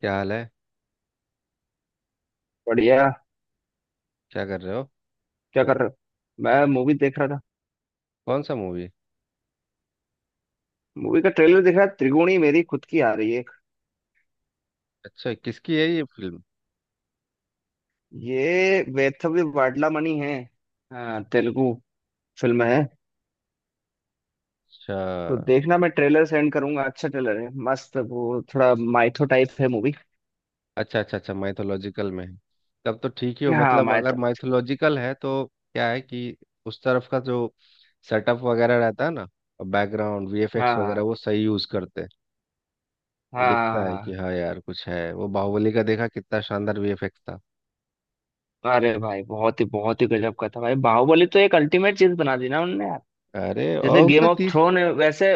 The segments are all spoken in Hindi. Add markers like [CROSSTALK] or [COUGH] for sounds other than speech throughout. क्या हाल है। बढ़िया। क्या कर रहे हो। क्या कर रहे हो? मैं मूवी देख रहा था। कौन सा मूवी। मूवी का ट्रेलर देख रहा था। त्रिगुणी मेरी खुद की आ रही है एक। अच्छा, किसकी है ये फिल्म। ये वेथव्य वाडलामणि है। हाँ, तेलुगु फिल्म है। अच्छा तो देखना, मैं ट्रेलर सेंड करूंगा। अच्छा ट्रेलर है, मस्त। वो थोड़ा माइथो टाइप है मूवी। अच्छा अच्छा, अच्छा माइथोलॉजिकल में है। तब तो ठीक ही हो हाँ मतलब, अगर माइथो। माइथोलॉजिकल है तो। क्या है कि उस तरफ का जो सेटअप वगैरह रहता है ना, बैकग्राउंड हाँ वीएफएक्स वगैरह हाँ वो सही यूज करते हैं। हाँ दिखता है कि हाँ। हाँ यार कुछ है। वो बाहुबली का देखा, कितना शानदार वीएफएक्स था। अरे भाई, बहुत ही गजब का था भाई बाहुबली। तो एक अल्टीमेट चीज बना दी ना उनने यार। अरे जैसे और गेम उसका ऑफ तीस थ्रोन है वैसे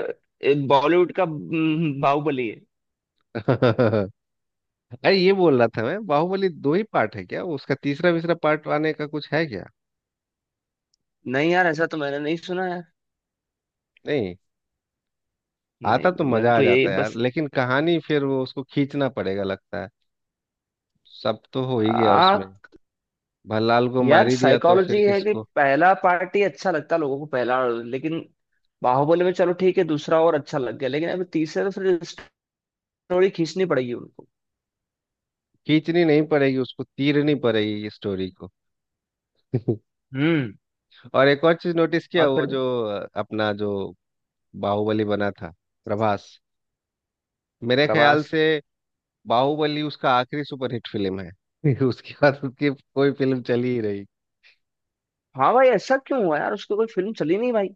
बॉलीवुड का बाहुबली है। [LAUGHS] अरे ये बोल रहा था मैं, बाहुबली दो ही पार्ट है क्या, उसका तीसरा तीसरा पार्ट आने का कुछ है क्या। नहीं यार, ऐसा तो मैंने नहीं सुना। नहीं आता तो नहीं, मैंने मजा आ तो यही जाता है यार, बस। लेकिन कहानी फिर वो उसको खींचना पड़ेगा लगता है। सब तो हो ही गया उसमें, आ भल्लाल को मार यार, ही दिया तो फिर साइकोलॉजी है कि किसको। पहला पार्ट ही अच्छा लगता लोगों को पहला। लेकिन बाहुबली में चलो ठीक है, दूसरा और अच्छा लग गया। लेकिन अब तीसरे तो फिर स्टोरी खींचनी पड़ेगी उनको। खींचनी नहीं पड़ेगी, उसको तीरनी पड़ेगी स्टोरी को [LAUGHS] हम्म। और एक और चीज नोटिस किया, और वो फिर जो अपना जो बाहुबली बना था, प्रभास, मेरे ख्याल प्रभास। से बाहुबली उसका आखिरी सुपरहिट फिल्म है [LAUGHS] उसके बाद उसकी कोई फिल्म चली ही रही। हाँ भाई, ऐसा क्यों हुआ यार, उसकी कोई फिल्म चली नहीं भाई।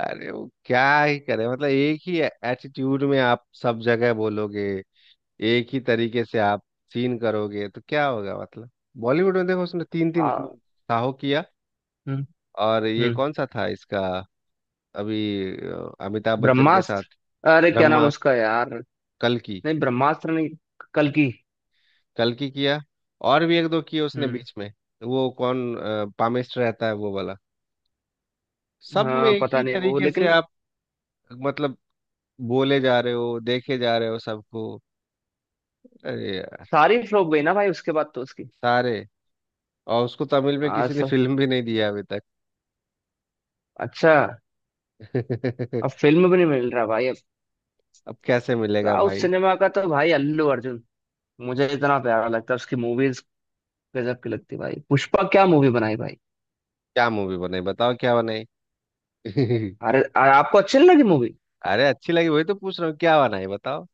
अरे वो क्या ही करे, मतलब एक ही एटीट्यूड में आप सब जगह बोलोगे, एक ही तरीके से आप सीन करोगे तो क्या होगा मतलब। बॉलीवुड में देखो, उसने तीन तीन हाँ। साहो किया, हम्म। और ये हम्म। कौन सा था इसका, अभी अमिताभ बच्चन के साथ, ब्रह्मास्त्र! अरे क्या नाम ब्रह्मा, उसका यार। कल्कि, नहीं ब्रह्मास्त्र नहीं, कल की। कल्कि किया, और भी एक दो किए उसने हम्म। बीच में। वो कौन पामेस्टर रहता है वो वाला, सब में हाँ एक पता ही नहीं वो, तरीके से लेकिन आप, मतलब बोले जा रहे हो, देखे जा रहे हो सबको। अरे यार, सारी फ्लॉप गई ना भाई उसके बाद तो उसकी। सारे, और उसको तमिल में हाँ किसी ने सब। फिल्म भी नहीं दिया अभी तक अच्छा। [LAUGHS] अब फिल्म भी नहीं मिल रहा भाई अब। अब कैसे मिलेगा साउथ भाई। सिनेमा का तो भाई अल्लू अर्जुन मुझे इतना प्यारा लगता है। उसकी मूवीज गजब की लगती है भाई। पुष्पा क्या मूवी बनाई भाई। क्या मूवी बनाई बताओ, क्या बनाई [LAUGHS] अरे अरे, आपको अच्छी नहीं लगी मूवी? अरे अच्छी लगी, वही तो पूछ रहा हूँ, क्या बनाई बताओ।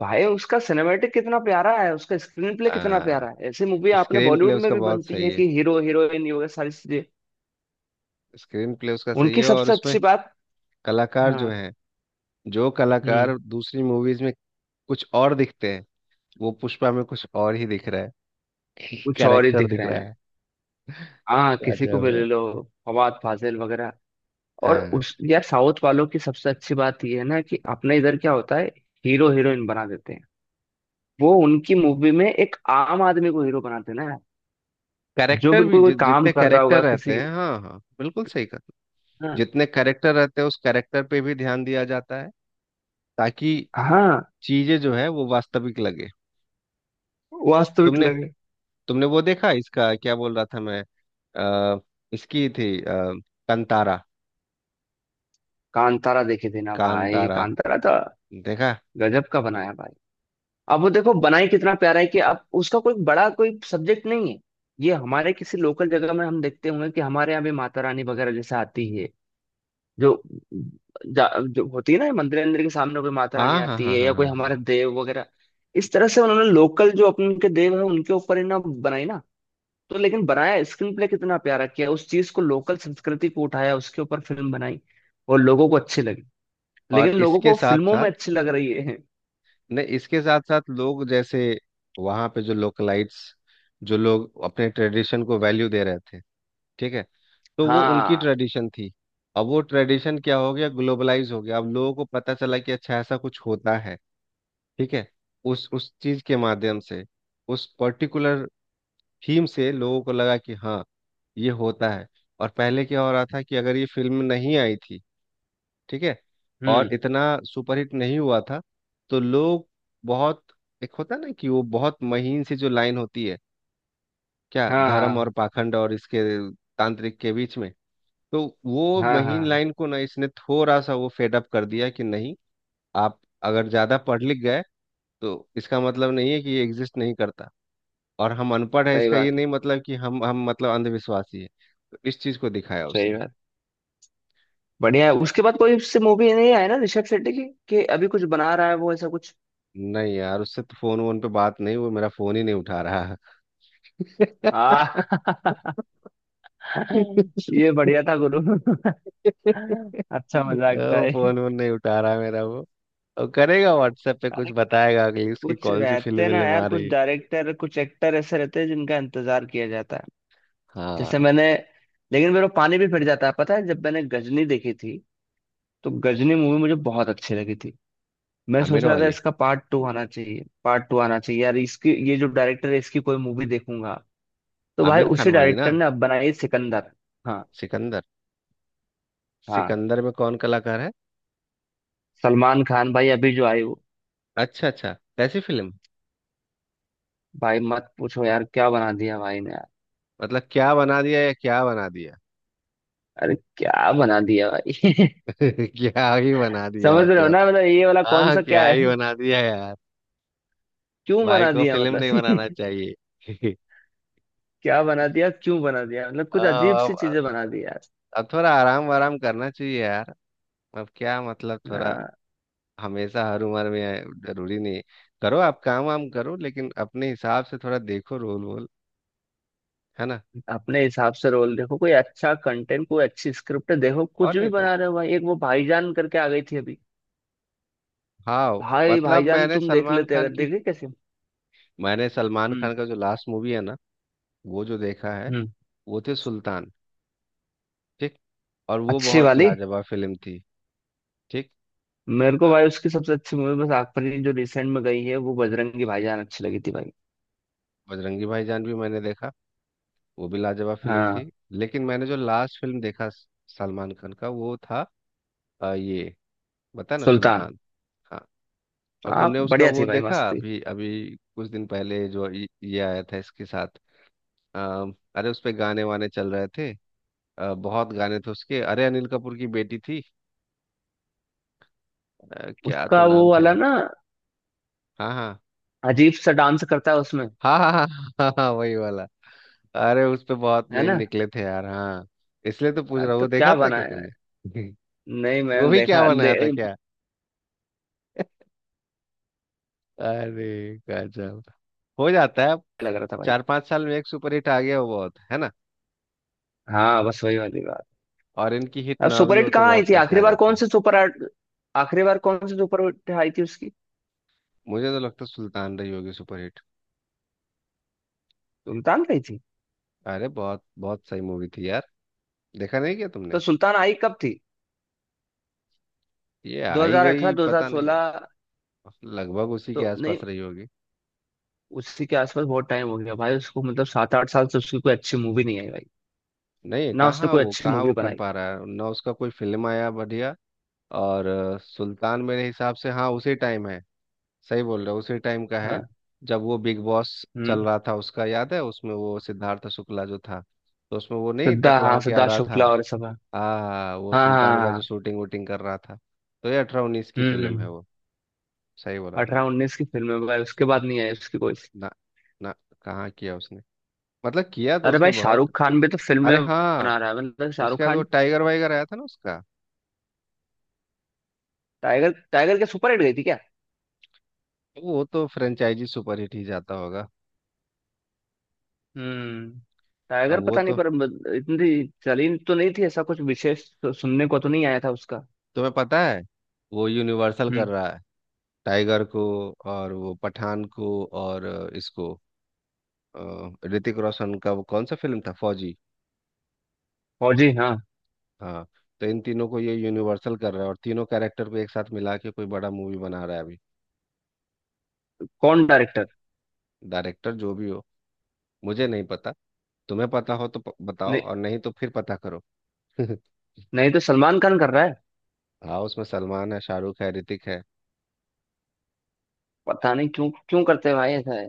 भाई उसका सिनेमेटिक कितना प्यारा है, उसका स्क्रीन प्ले कितना आ, प्यारा है। ऐसी मूवी आपने स्क्रीन प्ले बॉलीवुड में उसका भी बहुत बनती सही है है, कि हीरो हीरोइन ये वगैरह सारी चीजें। स्क्रीन प्ले उसका सही उनकी है, और सबसे उसमें अच्छी बात। कलाकार हाँ। जो है, जो हम्म। कलाकार दूसरी मूवीज में कुछ और दिखते हैं, वो पुष्पा में कुछ और ही दिख रहा है [LAUGHS] कुछ और ही कैरेक्टर दिख दिख रहे रहा हैं। है, हाँ किसी को गजब भी ले है। लो, फवाद फाजिल वगैरह। और हाँ, उस यार, साउथ वालों की सबसे अच्छी बात यह है ना कि अपने इधर क्या होता है, हीरो हीरोइन बना देते हैं। वो उनकी मूवी में एक आम आदमी को हीरो बनाते हैं ना, जो कैरेक्टर भी बिल्कुल कोई काम जितने कर रहा कैरेक्टर होगा रहते किसी। हैं। हाँ हाँ, बिल्कुल सही कहा। हाँ जितने कैरेक्टर रहते हैं, उस कैरेक्टर पे भी ध्यान दिया जाता है, ताकि हाँ। चीजें जो है वो वास्तविक लगे। वास्तविक तुमने लगे। तुमने वो देखा, इसका क्या बोल रहा था मैं, अ, इसकी थी कंतारा, कांतारा देखे थे ना भाई, कांतारा कांतारा तो देखा। गजब का बनाया भाई। अब वो देखो बनाई कितना प्यारा है कि अब उसका कोई बड़ा कोई सब्जेक्ट नहीं है। ये हमारे किसी लोकल जगह में हम देखते होंगे कि हमारे यहाँ भी माता रानी वगैरह जैसे आती है। जो जो होती है ना मंदिर अंदर के सामने, कोई माता रानी हाँ हाँ आती हाँ हाँ है हाँ या कोई हाँ। हमारे देव वगैरह। इस तरह से उन्होंने लोकल जो अपने के देव है उनके ऊपर ही ना बनाई ना। तो लेकिन बनाया स्क्रीन प्ले कितना प्यारा, किया उस चीज को, लोकल संस्कृति को उठाया, उसके ऊपर फिल्म बनाई और लोगों को अच्छी लगी। लेकिन और लोगों इसके को साथ फिल्मों साथ, में अच्छी लग रही है। नहीं इसके साथ साथ लोग जैसे वहाँ पे जो लोकलाइट्स, जो लोग अपने ट्रेडिशन को वैल्यू दे रहे थे, ठीक है, तो वो उनकी हाँ। ट्रेडिशन थी। अब वो ट्रेडिशन क्या हो गया, ग्लोबलाइज हो गया, अब लोगों को पता चला कि अच्छा ऐसा कुछ होता है, ठीक है। उस चीज के माध्यम से, उस पर्टिकुलर थीम से लोगों को लगा कि हाँ ये होता है। और पहले क्या हो रहा था, कि अगर ये फिल्म नहीं आई थी, ठीक है, और हम्म। इतना सुपरहिट नहीं हुआ था, तो लोग बहुत, एक होता ना कि वो बहुत महीन सी जो लाइन होती है, क्या हाँ धर्म और हाँ पाखंड और इसके तांत्रिक के बीच में, तो वो हाँ महीन हाँ। लाइन को ना इसने थोड़ा सा वो फेड अप कर दिया कि नहीं, आप अगर ज्यादा पढ़ लिख गए तो इसका मतलब नहीं है कि ये एग्जिस्ट नहीं करता, और हम अनपढ़ हैं सही इसका ये बात है। नहीं मतलब कि हम मतलब अंधविश्वासी हैं, तो इस चीज को दिखाया सही उसने। बात। बढ़िया है। उसके बाद कोई उससे मूवी नहीं आया ना ऋषभ शेट्टी की, कि अभी कुछ बना रहा है वो ऐसा कुछ। नहीं यार उससे तो फोन वोन पे बात नहीं, वो मेरा फोन ही नहीं उठा रहा [LAUGHS] है। हाँ। [LAUGHS] ये बढ़िया था गुरु। [LAUGHS] अच्छा मजाक था वो ये। फोन वोन नहीं उठा रहा मेरा वो, और करेगा व्हाट्सएप पे कुछ अरे बताएगा कि उसकी कुछ कौन सी फिल्म रहते ना विल्म यार, आ कुछ रही है। डायरेक्टर कुछ एक्टर ऐसे रहते हैं जिनका इंतजार किया जाता है। जैसे हाँ, मैंने, लेकिन मेरे को पानी भी फिर जाता है पता है, जब मैंने गजनी देखी थी तो गजनी मूवी मुझे बहुत अच्छी लगी थी। मैं सोच आमिर रहा था वाली, इसका पार्ट टू आना चाहिए, पार्ट टू आना चाहिए यार, इसकी ये जो डायरेक्टर है इसकी कोई मूवी देखूंगा। तो भाई आमिर खान उसी वाली डायरेक्टर ना। ने अब बनाई है सिकंदर। हाँ। सिकंदर। हाँ सिकंदर में कौन कलाकार है। सलमान खान भाई, अभी जो आई वो। अच्छा अच्छा, कैसी फिल्म। भाई मत पूछो यार, क्या बना दिया भाई ने। मतलब क्या बना दिया या क्या बना दिया अरे क्या बना दिया भाई। [LAUGHS] [LAUGHS] क्या ही बना दिया समझ रहे हो मतलब। ना, मतलब ये वाला कौन हाँ, सा क्या क्या ही है। बना दिया यार। क्यों भाई बना को दिया फिल्म मतलब। नहीं बनाना [LAUGHS] चाहिए [LAUGHS] क्या बना दिया क्यों बना दिया मतलब, कुछ अजीब हाँ, सी चीजें बना दी यार। अब थोड़ा आराम वाराम करना चाहिए यार, अब क्या मतलब, थोड़ा आ, हमेशा हर उम्र में है, जरूरी नहीं है। करो आप काम वाम करो, लेकिन अपने हिसाब से थोड़ा देखो रोल वोल, है ना। अपने हिसाब से रोल देखो, कोई अच्छा कंटेंट कोई अच्छी स्क्रिप्ट देखो, कुछ और भी नहीं तो, बना रहे हो भाई। एक वो भाईजान करके आ गई थी अभी, हाँ, भाई मतलब भाईजान मैंने तुम देख सलमान लेते खान अगर, की, देखे कैसे। मैंने सलमान खान हम्म। का जो लास्ट मूवी है ना, वो जो देखा है, हम्म। वो थे सुल्तान। ठीक। और वो अच्छी बहुत वाली। लाजवाब फिल्म थी। ठीक। मेरे को हाँ, भाई उसकी सबसे अच्छी मूवी बस आग परी जो रिसेंट में गई है वो, बजरंगी भाईजान अच्छी लगी थी भाई। बजरंगी भाईजान भी मैंने देखा, वो भी लाजवाब फिल्म थी, हाँ। लेकिन मैंने जो लास्ट फिल्म देखा स- सलमान खान का वो था ये बता ना, सुल्तान सुल्तान। हाँ। और आप तुमने उसका बढ़िया थी वो भाई, देखा मस्त थी। अभी अभी कुछ दिन पहले, जो ये आया था इसके साथ, अ, अरे उस पे गाने वाने चल रहे थे, बहुत गाने थे उसके, अरे अनिल कपूर की बेटी थी, क्या तो उसका वो नाम था। वाला ना, हाँ हाँ अजीब सा डांस करता है उसमें। हाँ हाँ हाँ। हाँ, हाँ, हाँ, वही वाला। अरे उस पे बहुत है मेम ना? निकले थे यार, हाँ, इसलिए तो पूछ अरे रहा हूँ, तो वो देखा क्या था क्या बनाया है। तुमने नहीं [LAUGHS] वो मैंने भी क्या देखा बनाया था, अरे गजब हो जाता है। लग रहा था भाई। चार पांच साल में एक सुपर हिट आ गया वो बहुत है ना, हाँ बस वही वाली बात। और इनकी हिट अब ना सुपर भी हिट हो तो कहाँ आई बहुत थी पैसे आखिरी आ बार, जाते कौन हैं। सी सुपर हिट- आखिरी बार कौन सी सुपर हिट आई थी उसकी। मुझे तो लगता है सुल्तान रही होगी सुपर हिट। सुल्तान आई थी। अरे बहुत बहुत सही मूवी थी यार, देखा नहीं क्या तो तुमने। सुल्तान आई कब थी, ये आई 2018 गई पता नहीं यार, 2016? लगभग उसी के तो नहीं, आसपास रही होगी। उसी के आसपास बहुत टाइम हो गया भाई उसको, मतलब सात आठ साल से उसकी कोई अच्छी मूवी नहीं आई भाई। नहीं, ना उसने कहाँ कोई वो, अच्छी कहाँ वो मूवी कर बनाई। पा रहा है ना, उसका कोई फिल्म आया बढ़िया, और सुल्तान मेरे हिसाब से हाँ उसी टाइम है। सही बोल रहे हो, उसी टाइम का है, हाँ। जब वो बिग बॉस हम्म। चल रहा था उसका याद है, उसमें वो सिद्धार्थ शुक्ला जो था, तो उसमें वो नहीं सिद्धा टकला हाँ, होके आ सिद्धार्थ रहा शुक्ला था। और सब। हाँ आ वो हाँ हाँ सुल्तान का जो हाँ। शूटिंग वूटिंग कर रहा था, तो ये 18-19 की हम्म। फिल्म है हम्म। वो, सही बोला अठारह तुमने। उन्नीस की फिल्म है भाई, उसके बाद नहीं आई उसकी कोई। ना। ना। कहाँ किया उसने, मतलब किया तो अरे उसने भाई शाहरुख बहुत। खान भी तो अरे फिल्में हाँ, बना रहा है, मतलब उसके शाहरुख बाद वो खान। टाइगर वाइगर आया था ना उसका, टाइगर, टाइगर के सुपर हिट गई थी क्या? तो वो तो फ्रेंचाइजी सुपरहिट ही जाता होगा। हम्म। अब टाइगर वो पता नहीं तो। पर इतनी चली तो नहीं थी, ऐसा कुछ विशेष तो सुनने को तो नहीं आया था उसका। तुम्हें पता है, वो यूनिवर्सल कर हम्म। रहा है, टाइगर को, और वो पठान को, और इसको, ऋतिक रोशन का वो कौन सा फिल्म था, फौजी, फौजी हाँ। हाँ। तो इन तीनों को ये यूनिवर्सल कर रहा है, और तीनों कैरेक्टर को एक साथ मिला के कोई बड़ा मूवी बना रहा है अभी। कौन डायरेक्टर? डायरेक्टर जो भी हो, मुझे नहीं पता, तुम्हें पता हो तो प- बताओ, नहीं। और नहीं तो फिर पता करो [LAUGHS] नहीं तो सलमान खान कर रहा है। हाँ, उसमें सलमान है, शाहरुख है, ऋतिक है, पता नहीं क्यों क्यों करते हैं भाई ऐसा है,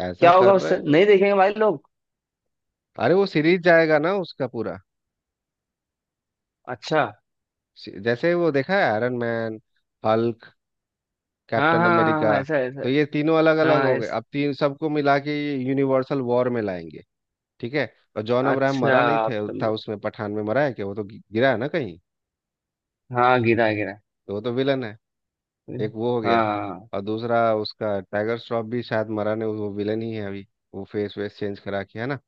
ऐसा क्या होगा कर रहे उससे, हैं। नहीं देखेंगे भाई लोग। अरे वो सीरीज जाएगा ना उसका पूरा, अच्छा। सी- जैसे वो देखा है आयरन मैन, हल्क, हाँ कैप्टन हाँ हाँ अमेरिका, हाँ, ऐसा ऐसा। तो ये तीनों अलग अलग हाँ हो गए, अब तीन सबको मिला के ये यूनिवर्सल वॉर में लाएंगे, ठीक है। और जॉन अब्राहम अच्छा मरा नहीं आप थे था समझे। उसमें, पठान में मरा है क्या, वो तो गि- गिरा है ना कहीं, हाँ गिरा गिरा। तो वो तो विलन है। हाँ एक वो हो गया, हाँ हाँ। और दूसरा उसका टाइगर श्रॉफ भी शायद मरा नहीं, वो विलन ही है अभी, वो फेस वेस चेंज करा के है ना।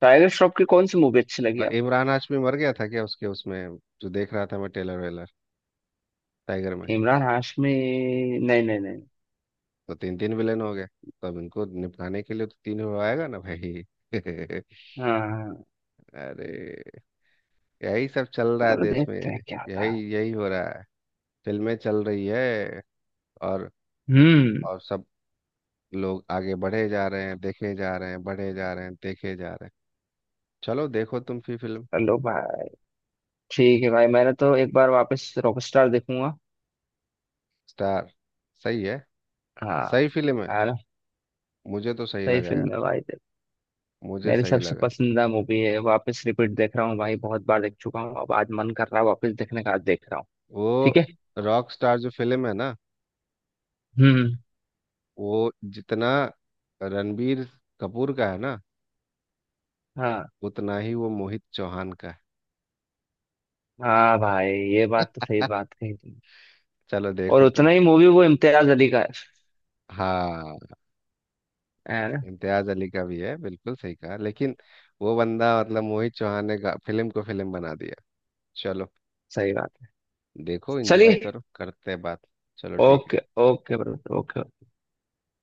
टाइगर श्रॉफ की कौन सी मूवी अच्छी लगी और आपको? इमरान हाशमी मर गया था क्या उसके उसमें जो देख रहा था मैं टेलर वेलर, टाइगर में। इमरान हाशमी? नहीं नहीं नहीं। तो तीन तीन विलन हो गए, तो अब इनको निपटाने के लिए तो तीन हो आएगा ना भाई [LAUGHS] हाँ हाँ, अरे, यही सब चल रहा है चलो देश में, देखते हैं क्या होता है। यही यही हो रहा है। फिल्में चल रही है, और हम्म। और सब लोग आगे बढ़े जा रहे हैं, देखे जा रहे हैं, बढ़े जा रहे हैं, देखे जा रहे हैं। चलो देखो तुम फिर फिल्म, चलो भाई, ठीक है भाई। मैंने तो एक बार वापस रॉकस्टार देखूंगा। स्टार, सही है। हाँ। सही फिल्म है, है ना? मुझे तो सही सही लगा यार, फिल्म है भाई देख। मुझे मेरी सही सबसे लगा। पसंदीदा मूवी है, वापस रिपीट देख रहा हूँ भाई, बहुत बार देख चुका हूँ, अब आज मन कर रहा है वापस देखने का, आज देख रहा हूँ। वो ठीक है। रॉक स्टार जो फिल्म है ना, हम्म। वो जितना रणबीर कपूर का है ना, हाँ। उतना ही वो मोहित चौहान का है। हाँ भाई, ये बात तो सही बात कही तुमने। चलो और देखो तुम। उतना ही मूवी वो इम्तियाज अली का है। हाँ, है ना? इम्तियाज अली का भी है, बिल्कुल सही कहा, लेकिन वो बंदा मतलब मोहित चौहान ने गा- फिल्म को फिल्म बना दिया। चलो सही बात है। देखो एंजॉय चलिए। करो, करते हैं बात। चलो ठीक है। Okay okay brother, okay.